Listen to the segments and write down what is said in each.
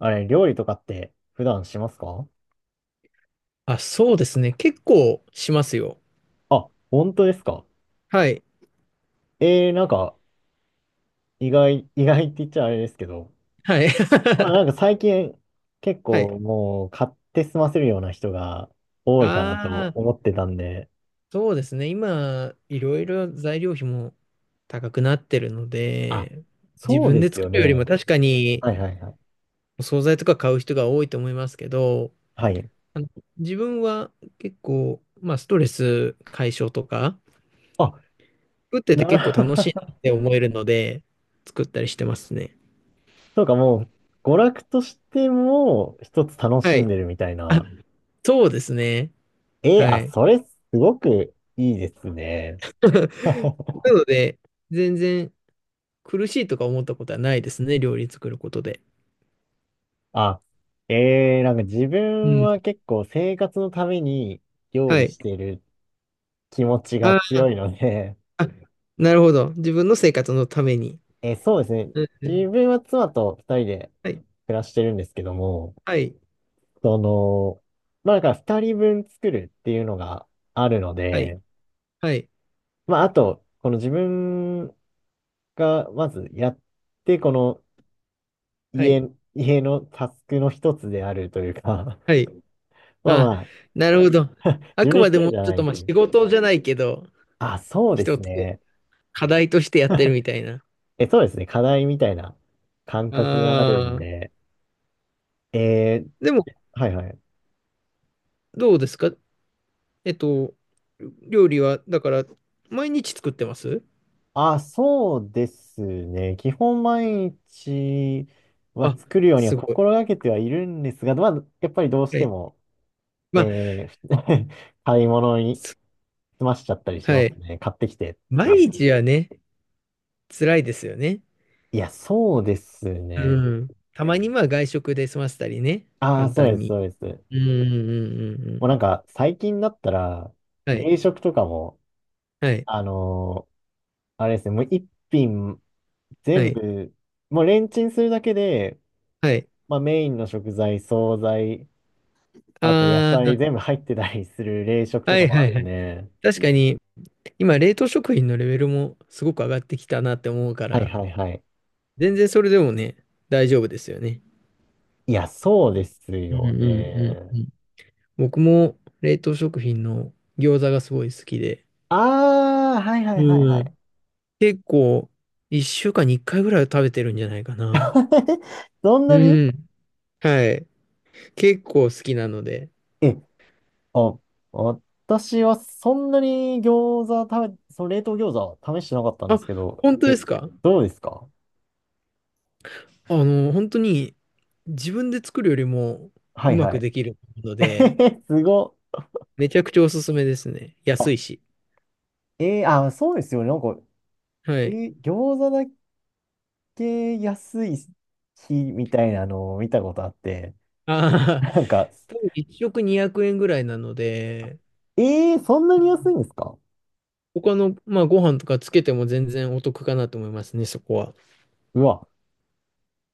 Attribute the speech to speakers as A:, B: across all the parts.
A: あれ、料理とかって普段しますか？
B: あ、そうですね。結構しますよ。
A: あ、本当ですか？
B: はい。
A: なんか、意外って言っちゃあれですけど、
B: はい。
A: まあなんか 最近結
B: は
A: 構
B: い。
A: もう買って済ませるような人が多いかな
B: あ
A: と
B: あ、
A: 思ってたんで、
B: そうですね。今、いろいろ材料費も高くなってるの
A: あ、
B: で、自
A: そう
B: 分
A: で
B: で
A: す
B: 作
A: よ
B: るよりも
A: ね。
B: 確かに
A: はいはいはい。
B: お惣菜とか買う人が多いと思いますけど、
A: はい。
B: あの、自分は結構、まあ、ストレス解消とか、
A: あ、
B: 作ってて結構
A: な、
B: 楽しい なって思えるので、作ったりしてますね。
A: そうかもう、娯楽としても一つ楽し
B: は
A: ん
B: い。
A: でるみたい
B: あ、
A: な。
B: そうですね。は
A: あ、
B: い。
A: それすごくいいですね。
B: なので、全然苦しいとか思ったことはないですね、料理作ることで。
A: あ、ええーなんか自
B: う
A: 分
B: ん。
A: は結構生活のために料
B: は
A: 理
B: い。
A: してる気持ちが
B: あ
A: 強いので、
B: あ、なるほど。自分の生活のために。
A: そうですね。
B: うんう
A: 自
B: ん。
A: 分は妻と二人で
B: はい。
A: 暮らしてるんですけども、
B: はい。
A: その、まあだから二人分作るっていうのがあるの
B: はい。
A: で、
B: はい。
A: まああと、この自分がまずやって、この
B: はい。
A: 家、家のタスクの一つであるというか、
B: はい。
A: まあ
B: あ、
A: まあ、
B: なるほど。あ
A: 自
B: く
A: 分一
B: まで
A: 人
B: も
A: じゃ
B: ちょ
A: な
B: っと
A: い
B: ま
A: と
B: あ
A: いう。
B: 仕事じゃないけど、
A: あ、そうで
B: 一
A: す
B: つ
A: ね。
B: 課題としてやってるみたいな。
A: え、そうですね。課題みたいな感覚があるん
B: ああ。
A: で。えー
B: でも、
A: はいはい。
B: どうですか？えっと、料理は、だから、毎日作ってます？
A: あ、そうですね。基本毎日は
B: あ、
A: 作るようには
B: すごい。
A: 心がけてはいるんですが、まあ、やっぱりどうし
B: は
A: て
B: い。
A: も、
B: まあ
A: えーふ 買い物に済ましちゃったりし
B: は
A: ます
B: い。
A: ね。買ってきてっていう。
B: 毎日はね、辛いですよね。
A: いや、そうですね。
B: うん。たまにまあ外食で済ませたりね、
A: ああ、
B: 簡
A: そう
B: 単
A: です、
B: に。
A: そうです。
B: うんうんうんう
A: もう
B: ん。
A: なんか、最近だったら、冷食とかも、あのーあれですね、もう一品全部、もうレンチンするだけで、まあメインの食材、惣菜、あと野菜全部入ってたりする冷食と
B: は
A: か
B: い
A: も
B: は
A: あ
B: いは
A: る
B: い。はいああはいはいはい。
A: ね。
B: 確かに、今、冷凍食品のレベルもすごく上がってきたなって思うか
A: はい
B: ら、
A: はいはい。
B: 全然それでもね、大丈夫ですよね。
A: いや、そうです
B: うん
A: よ
B: うんうん
A: ね。
B: うん。僕も冷凍食品の餃子がすごい好きで、
A: ああ、はいはいはいは
B: う
A: い。
B: ん。結構、1週間に1回ぐらいは食べてるんじゃないかな。
A: そんなに
B: うん。はい。結構好きなので。
A: え、あ、私はそんなに餃子食べ、その冷凍餃子は試してなかったんで
B: あ、
A: すけど、
B: 本当ですか？
A: どうですか？
B: あの、本当に自分で作るよりも
A: は
B: う
A: い
B: ま
A: は
B: く
A: い。
B: できるので、
A: すごっ。
B: めちゃくちゃおすすめですね。安いし。
A: あ、そうですよね。なんか、
B: はい。
A: 餃子だけ安い日みたいなのを見たことあって、
B: ああ、
A: なんか、
B: 多分1食200円ぐらいなので、
A: そんなに安いんですか？
B: 他の、まあ、ご飯とかつけても全然お得かなと思いますね、そこは。
A: うわ、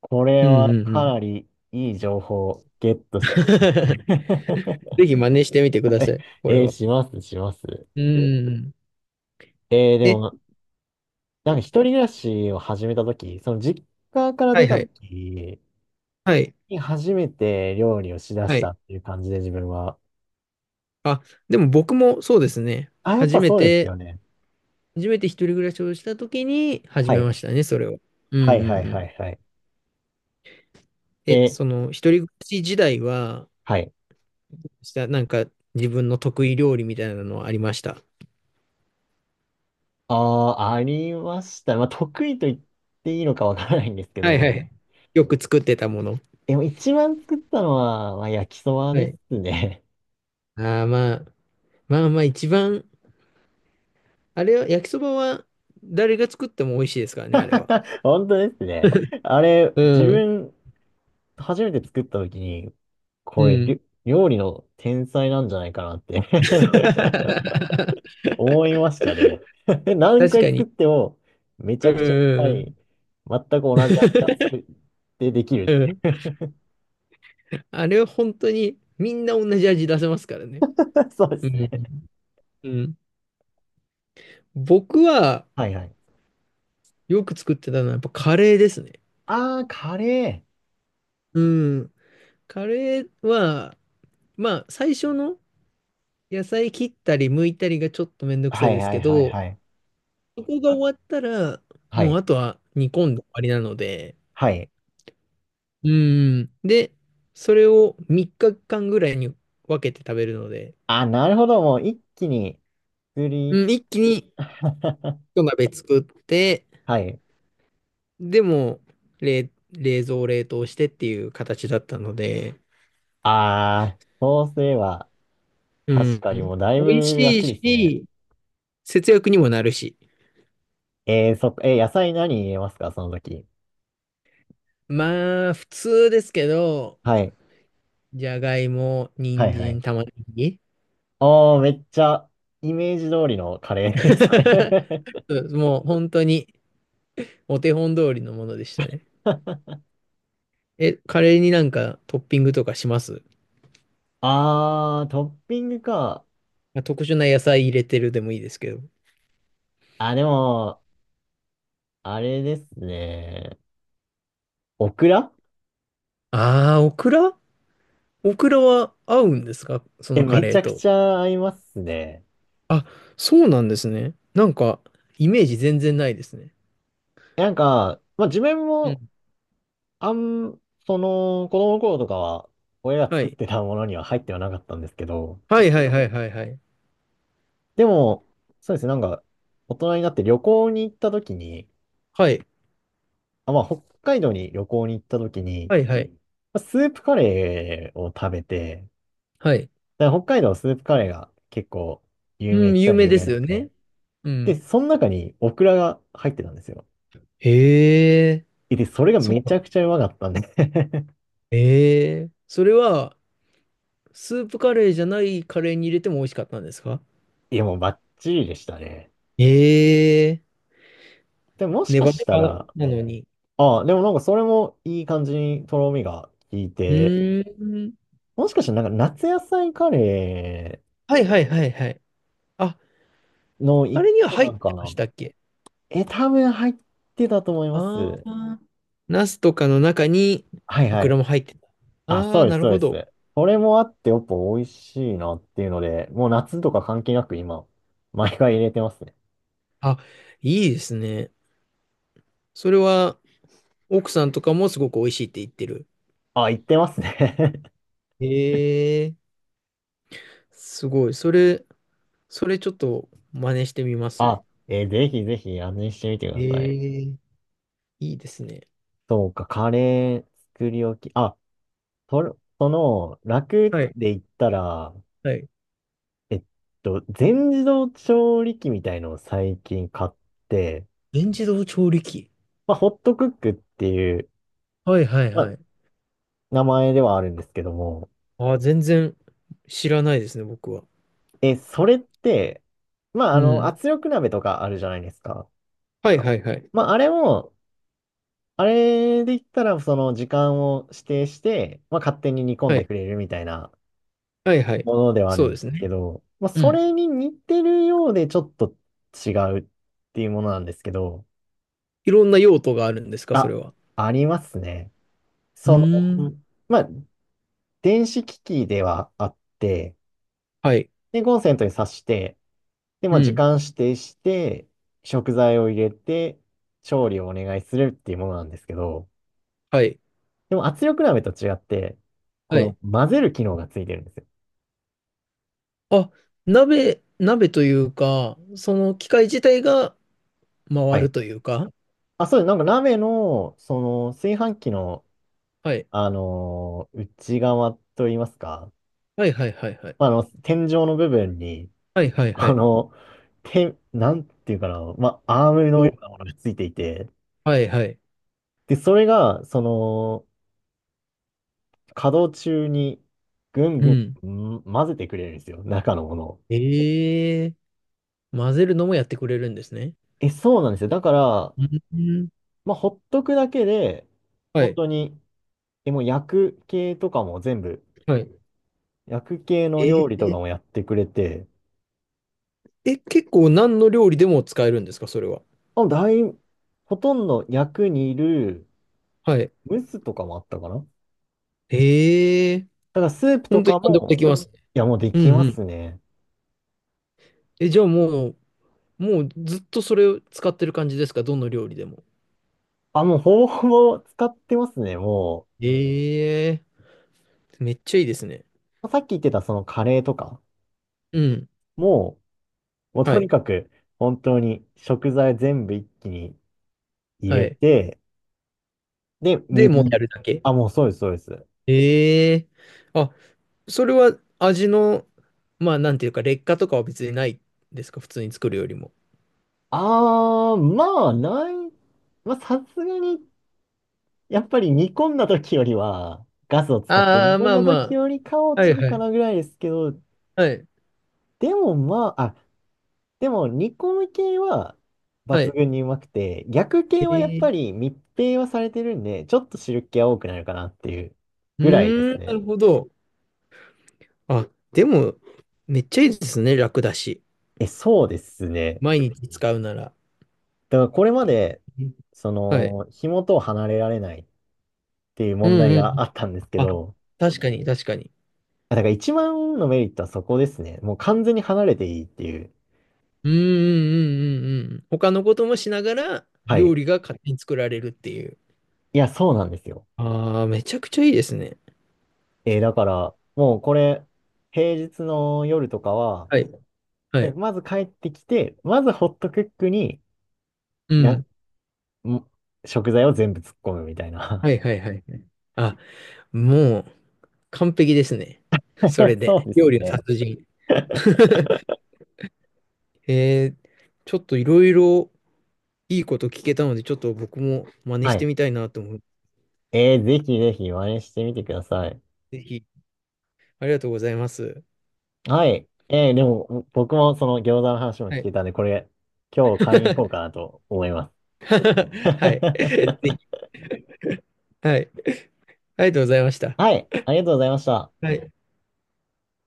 A: これ
B: うん
A: は
B: うんう
A: か
B: ん。
A: なりいい情報をゲットしましたね。
B: ぜひ真似してみてくださ い、これは。
A: します、します。
B: うんうんうん。
A: で
B: え、
A: も、なんか一人暮らしを始めたとき、その実家から
B: は
A: 出
B: い
A: た
B: は
A: と
B: い。
A: き
B: はい。
A: に初めて料理をしだ
B: は
A: し
B: い。
A: たっていう感じで自分は。
B: あ、でも僕もそうですね。
A: あ、やっ
B: 初
A: ぱ
B: め
A: そうです
B: て、
A: よね。
B: 初めて一人暮らしをした時に始
A: は
B: め
A: い。
B: ましたね、それを。うんうんう
A: はいはいは
B: ん。
A: いはい。
B: え、
A: え、
B: その一人暮らし時代は、
A: はい。
B: したなんか自分の得意料理みたいなのはありました？
A: ああ、ありました。まあ、得意と言っていいのかわからないんですけ
B: はいは
A: ど、
B: い。よく作ってたもの。
A: でも一番作ったのは、まあ、焼きそば
B: は
A: で
B: い。
A: すね。
B: ああ、まあ、まあまあ一番、あれは、焼きそばは誰が作っても美味しいですからね、あれは。
A: 本当ですね。あれ、
B: う
A: 自
B: ん。
A: 分、初めて作った時に、
B: う
A: これ、り
B: ん。
A: ょ料理の天才なんじゃないかなって 思いましたね。何
B: 確
A: 回
B: か
A: 作っ
B: に。
A: ても、めち
B: う
A: ゃ
B: ん
A: くちゃうま
B: う
A: い、
B: ん
A: 全く同じ味が作ってできるっ
B: うん。
A: て
B: う
A: い
B: ん。
A: う。
B: あれは本当にみんな同じ味出せますからね。
A: そうで
B: う
A: す
B: ん。
A: ね。
B: うん。僕は
A: はいはい。
B: よく作ってたのはやっぱカレーですね。
A: ああ、カレー。
B: うん。カレーは、まあ最初の野菜切ったり剥いたりがちょっとめんどくさ
A: は
B: い
A: い
B: です
A: はい
B: け
A: はい
B: ど、
A: はい。
B: そこが終わったら、
A: は
B: もう
A: い。
B: あとは煮込んで終わりなので、
A: はい。
B: うん。で、それを3日間ぐらいに分けて食べるので、
A: あ、なるほど。もう一気に作り。
B: うん、一気に 一鍋作って、
A: はい。
B: でも、冷蔵冷凍してっていう形だったので、
A: あー、そうすれば、
B: う
A: 確
B: ん、
A: かにもうだい
B: 美味
A: ぶ
B: しい
A: 楽ですね。
B: し、節約にもなるし。
A: そっか、野菜何入れますかその時？
B: まあ、普通ですけど、
A: はい。
B: じゃがいも、
A: は
B: 人
A: いは
B: 参、
A: い。
B: 玉ねぎ。
A: おー、めっちゃ、イメージ通りのカレーです ね。
B: そうもう本当にお手本通りのものでしたね。え、カレーになんかトッピングとかします？
A: あー、トッピングか。
B: あ、特殊な野菜入れてるでもいいですけど。
A: あ、でも、あれですね。オクラ
B: ああ、オクラ。オクラは合うんですかそのカ
A: め
B: レ
A: ち
B: ー
A: ゃく
B: と。
A: ちゃ合いますね。
B: あ、そうなんですね。なんか、イメージ全然ないですね。
A: なんか、まあ自分
B: う
A: も、
B: ん。
A: あん、その、子供の頃とかは、親が
B: は
A: 作っ
B: い。
A: てたものには入ってはなかったんですけど、
B: はいはいはいはいはい。
A: でも、そうですね、なんか、大人になって旅行に行った時に、
B: はい。
A: あ、まあ、北海道に旅行に行った時に、
B: はいはい。
A: まあスープカレーを食べて、
B: はい。
A: だから北海道スープカレーが結構有名
B: う
A: っ
B: ん、
A: ち
B: 有
A: ゃ
B: 名
A: 有
B: で
A: 名
B: す
A: な
B: よ
A: んで、
B: ね。う
A: で、
B: ん。
A: その中にオクラが入ってたんですよ。
B: へえ、
A: で、それが
B: そう
A: めち
B: な
A: ゃく
B: ん。
A: ちゃうまかったんで。
B: へえ。それは、スープカレーじゃないカレーに入れても美味しかったんですか？
A: いや、もうバッチリでしたね。
B: へえ、
A: でも、もし
B: ネ
A: か
B: バ
A: し
B: ネ
A: た
B: バ
A: ら、
B: なのに。
A: ああ、でもなんかそれもいい感じにとろみが効い
B: う
A: て、
B: ーん。
A: もしかしたらなんか夏野菜カレ
B: はいはいはいはい。あ、
A: ーの
B: あ
A: 一
B: れには
A: 個
B: 入
A: な
B: っ
A: ん
B: て
A: か
B: まし
A: な。
B: たっけ？
A: え、多分入ってたと思いま
B: あ
A: す。
B: あ、ナスとかの中に
A: はい
B: オ
A: は
B: クラ
A: い。
B: も入ってた。
A: あ、
B: あ
A: そ
B: あ、
A: うです、
B: なる
A: そう
B: ほ
A: で
B: ど。
A: す。それもあってやっぱ美味しいなっていうので、もう夏とか関係なく今、毎回入れてますね。
B: あ、いいですね。それは奥さんとかもすごく美味しいって言ってる。
A: あ、行ってますね。
B: ええ、すごい。それちょっと真似してみます。
A: あ、ぜひぜひ味見してみてください。
B: ええ、いいですね。
A: そうか、カレー作り置き。あ、それ、その、楽
B: はい、
A: で言ったら、
B: はい。
A: えっ全自動調理器みたいのを最近買って、
B: 全自動調理器。
A: まあ、ホットクックっていう、
B: はいはい
A: ま
B: は
A: あ、
B: い。
A: 名前ではあるんですけども、
B: ああ、全然知らないですね、僕は。
A: それって、まあ、
B: うん。
A: 圧力鍋とかあるじゃないですか。
B: はいはいはい。
A: まあ、あれも、あれで言ったら、その時間を指定して、まあ、勝手に煮込ん
B: は
A: で
B: い。
A: くれるみたいな
B: はいはい。
A: ものではある
B: そう
A: ん
B: で
A: です
B: す
A: け
B: ね。
A: ど、まあ、
B: う
A: そ
B: ん。
A: れに似てるようでちょっと違うっていうものなんですけど、
B: いろんな用途があるんですか、それ
A: あ、
B: は。
A: ありますね。
B: う
A: その、
B: ーん。
A: まあ、電子機器ではあって、
B: はい。
A: で、コンセントに挿して、で、
B: う
A: まあ、時
B: ん。
A: 間指定して、食材を入れて、調理をお願いするっていうものなんですけど、
B: はい。
A: でも圧力鍋と違って、こ
B: は
A: の
B: い。
A: 混ぜる機能がついてるんですよ。
B: あ、鍋というか、その機械自体が
A: は
B: 回る
A: い。
B: というか。
A: あ、そうです。なんか鍋の、その、炊飯器の、
B: はい。
A: 内側といいますか、
B: はいはいはいはい。
A: まあ、天井の部分に、
B: はいはいは
A: こ
B: い。
A: の、なんていうかな、まあ、アームのよ
B: お、
A: うなものがついていて、
B: はいはい。
A: で、それが、その、稼働中にぐん
B: う
A: ぐ
B: ん。
A: ん、ん混ぜてくれるんですよ、中のものを。
B: ええー、混ぜるのもやってくれるんですね。
A: え、そうなんですよ。だから、
B: うん。
A: まあ、ほっとくだけで、
B: は
A: 本
B: い。
A: 当に、もう薬系とかも全部、
B: はい。
A: 薬系
B: え
A: の料理
B: ー、
A: とかもやってくれて、
B: え、結構何の料理でも使えるんですか、それは。
A: あ、ほとんど薬にいる
B: はい。
A: ムースとかもあったかな。だ
B: ええ。
A: からスープと
B: 本当に
A: か
B: 何でもでき
A: も、
B: ますね。
A: いや、もうで
B: う
A: き
B: ん
A: ま
B: うん。
A: すね。
B: え、じゃあもう、もうずっとそれを使ってる感じですか、どの料理でも。
A: あ、もうほぼほぼ使ってますね、も
B: ええ、めっちゃいいですね。
A: う。さっき言ってたそのカレーとか
B: うん。
A: も、もう
B: は
A: とに
B: い。
A: かく、本当に食材全部一気に入
B: は
A: れ
B: い。
A: て、で、
B: で、
A: 水、
B: もうやるだけ。
A: あ、もうそうです、そうです。
B: ええ。あ、それは味の、まあ、なんていうか、劣化とかは別にないですか普通に作るよりも。
A: あー、まあ、ない、まあ、さすがに、やっぱり煮込んだ時よりは、ガスを使って
B: あ
A: 煮
B: あ、
A: 込ん
B: まあ
A: だ
B: ま
A: 時よりかは
B: あ。
A: 落
B: はい
A: ちる
B: は
A: か
B: い。
A: なぐらいですけど、
B: はい。
A: でもまあ、あ、でも煮込む系は
B: は
A: 抜
B: い。
A: 群にうまくて、逆系はやっ
B: え
A: ぱ
B: え。
A: り密閉はされてるんで、ちょっと汁気は多くなるかなっていう
B: うー
A: ぐらいで
B: ん、
A: す
B: な
A: ね。
B: るほど。あ、でも、めっちゃいいですね。楽だし。
A: え、そうですね。
B: 毎日使うなら。
A: だからこれまで、
B: うん。
A: そ
B: はい。
A: の、紐と離れられないっていう
B: う
A: 問
B: ん
A: 題
B: う
A: が
B: ん。
A: あったんですけ
B: あ、
A: ど、
B: 確かに、確かに。
A: あだから一番のメリットはそこですね。もう完全に離れていいっていう。
B: うんうんうんうんうん。他のこともしながら、
A: は
B: 料
A: い。
B: 理が勝手に作られるっていう。
A: いや、そうなんですよ。
B: ああ、めちゃくちゃいいですね。
A: だから、もうこれ、平日の夜とかは、
B: はい。は
A: で
B: い。
A: まず帰ってきて、まずホットクックに、
B: う
A: いや、ん
B: ん。
A: 食材を全部突っ込むみたい
B: は
A: な。
B: いはいはいはい。あ、もう、完璧ですね。それ
A: そう
B: で。
A: です
B: 料理の
A: ね。
B: 達人。えー、ちょっといろいろいいこと聞けたので、ちょっと僕も真似
A: は
B: して
A: い。
B: みたいなと思っ
A: ぜひぜひ真似してみてください。
B: て、ぜひ、ありがとうございます。
A: はい。でも、僕もその餃子の話も
B: は
A: 聞
B: い。
A: いたんで、これ、今日買いに行こうかな と思います。
B: はい。ぜひ。はい。ありがとうございました。
A: はい。ありがとうございました。
B: はい。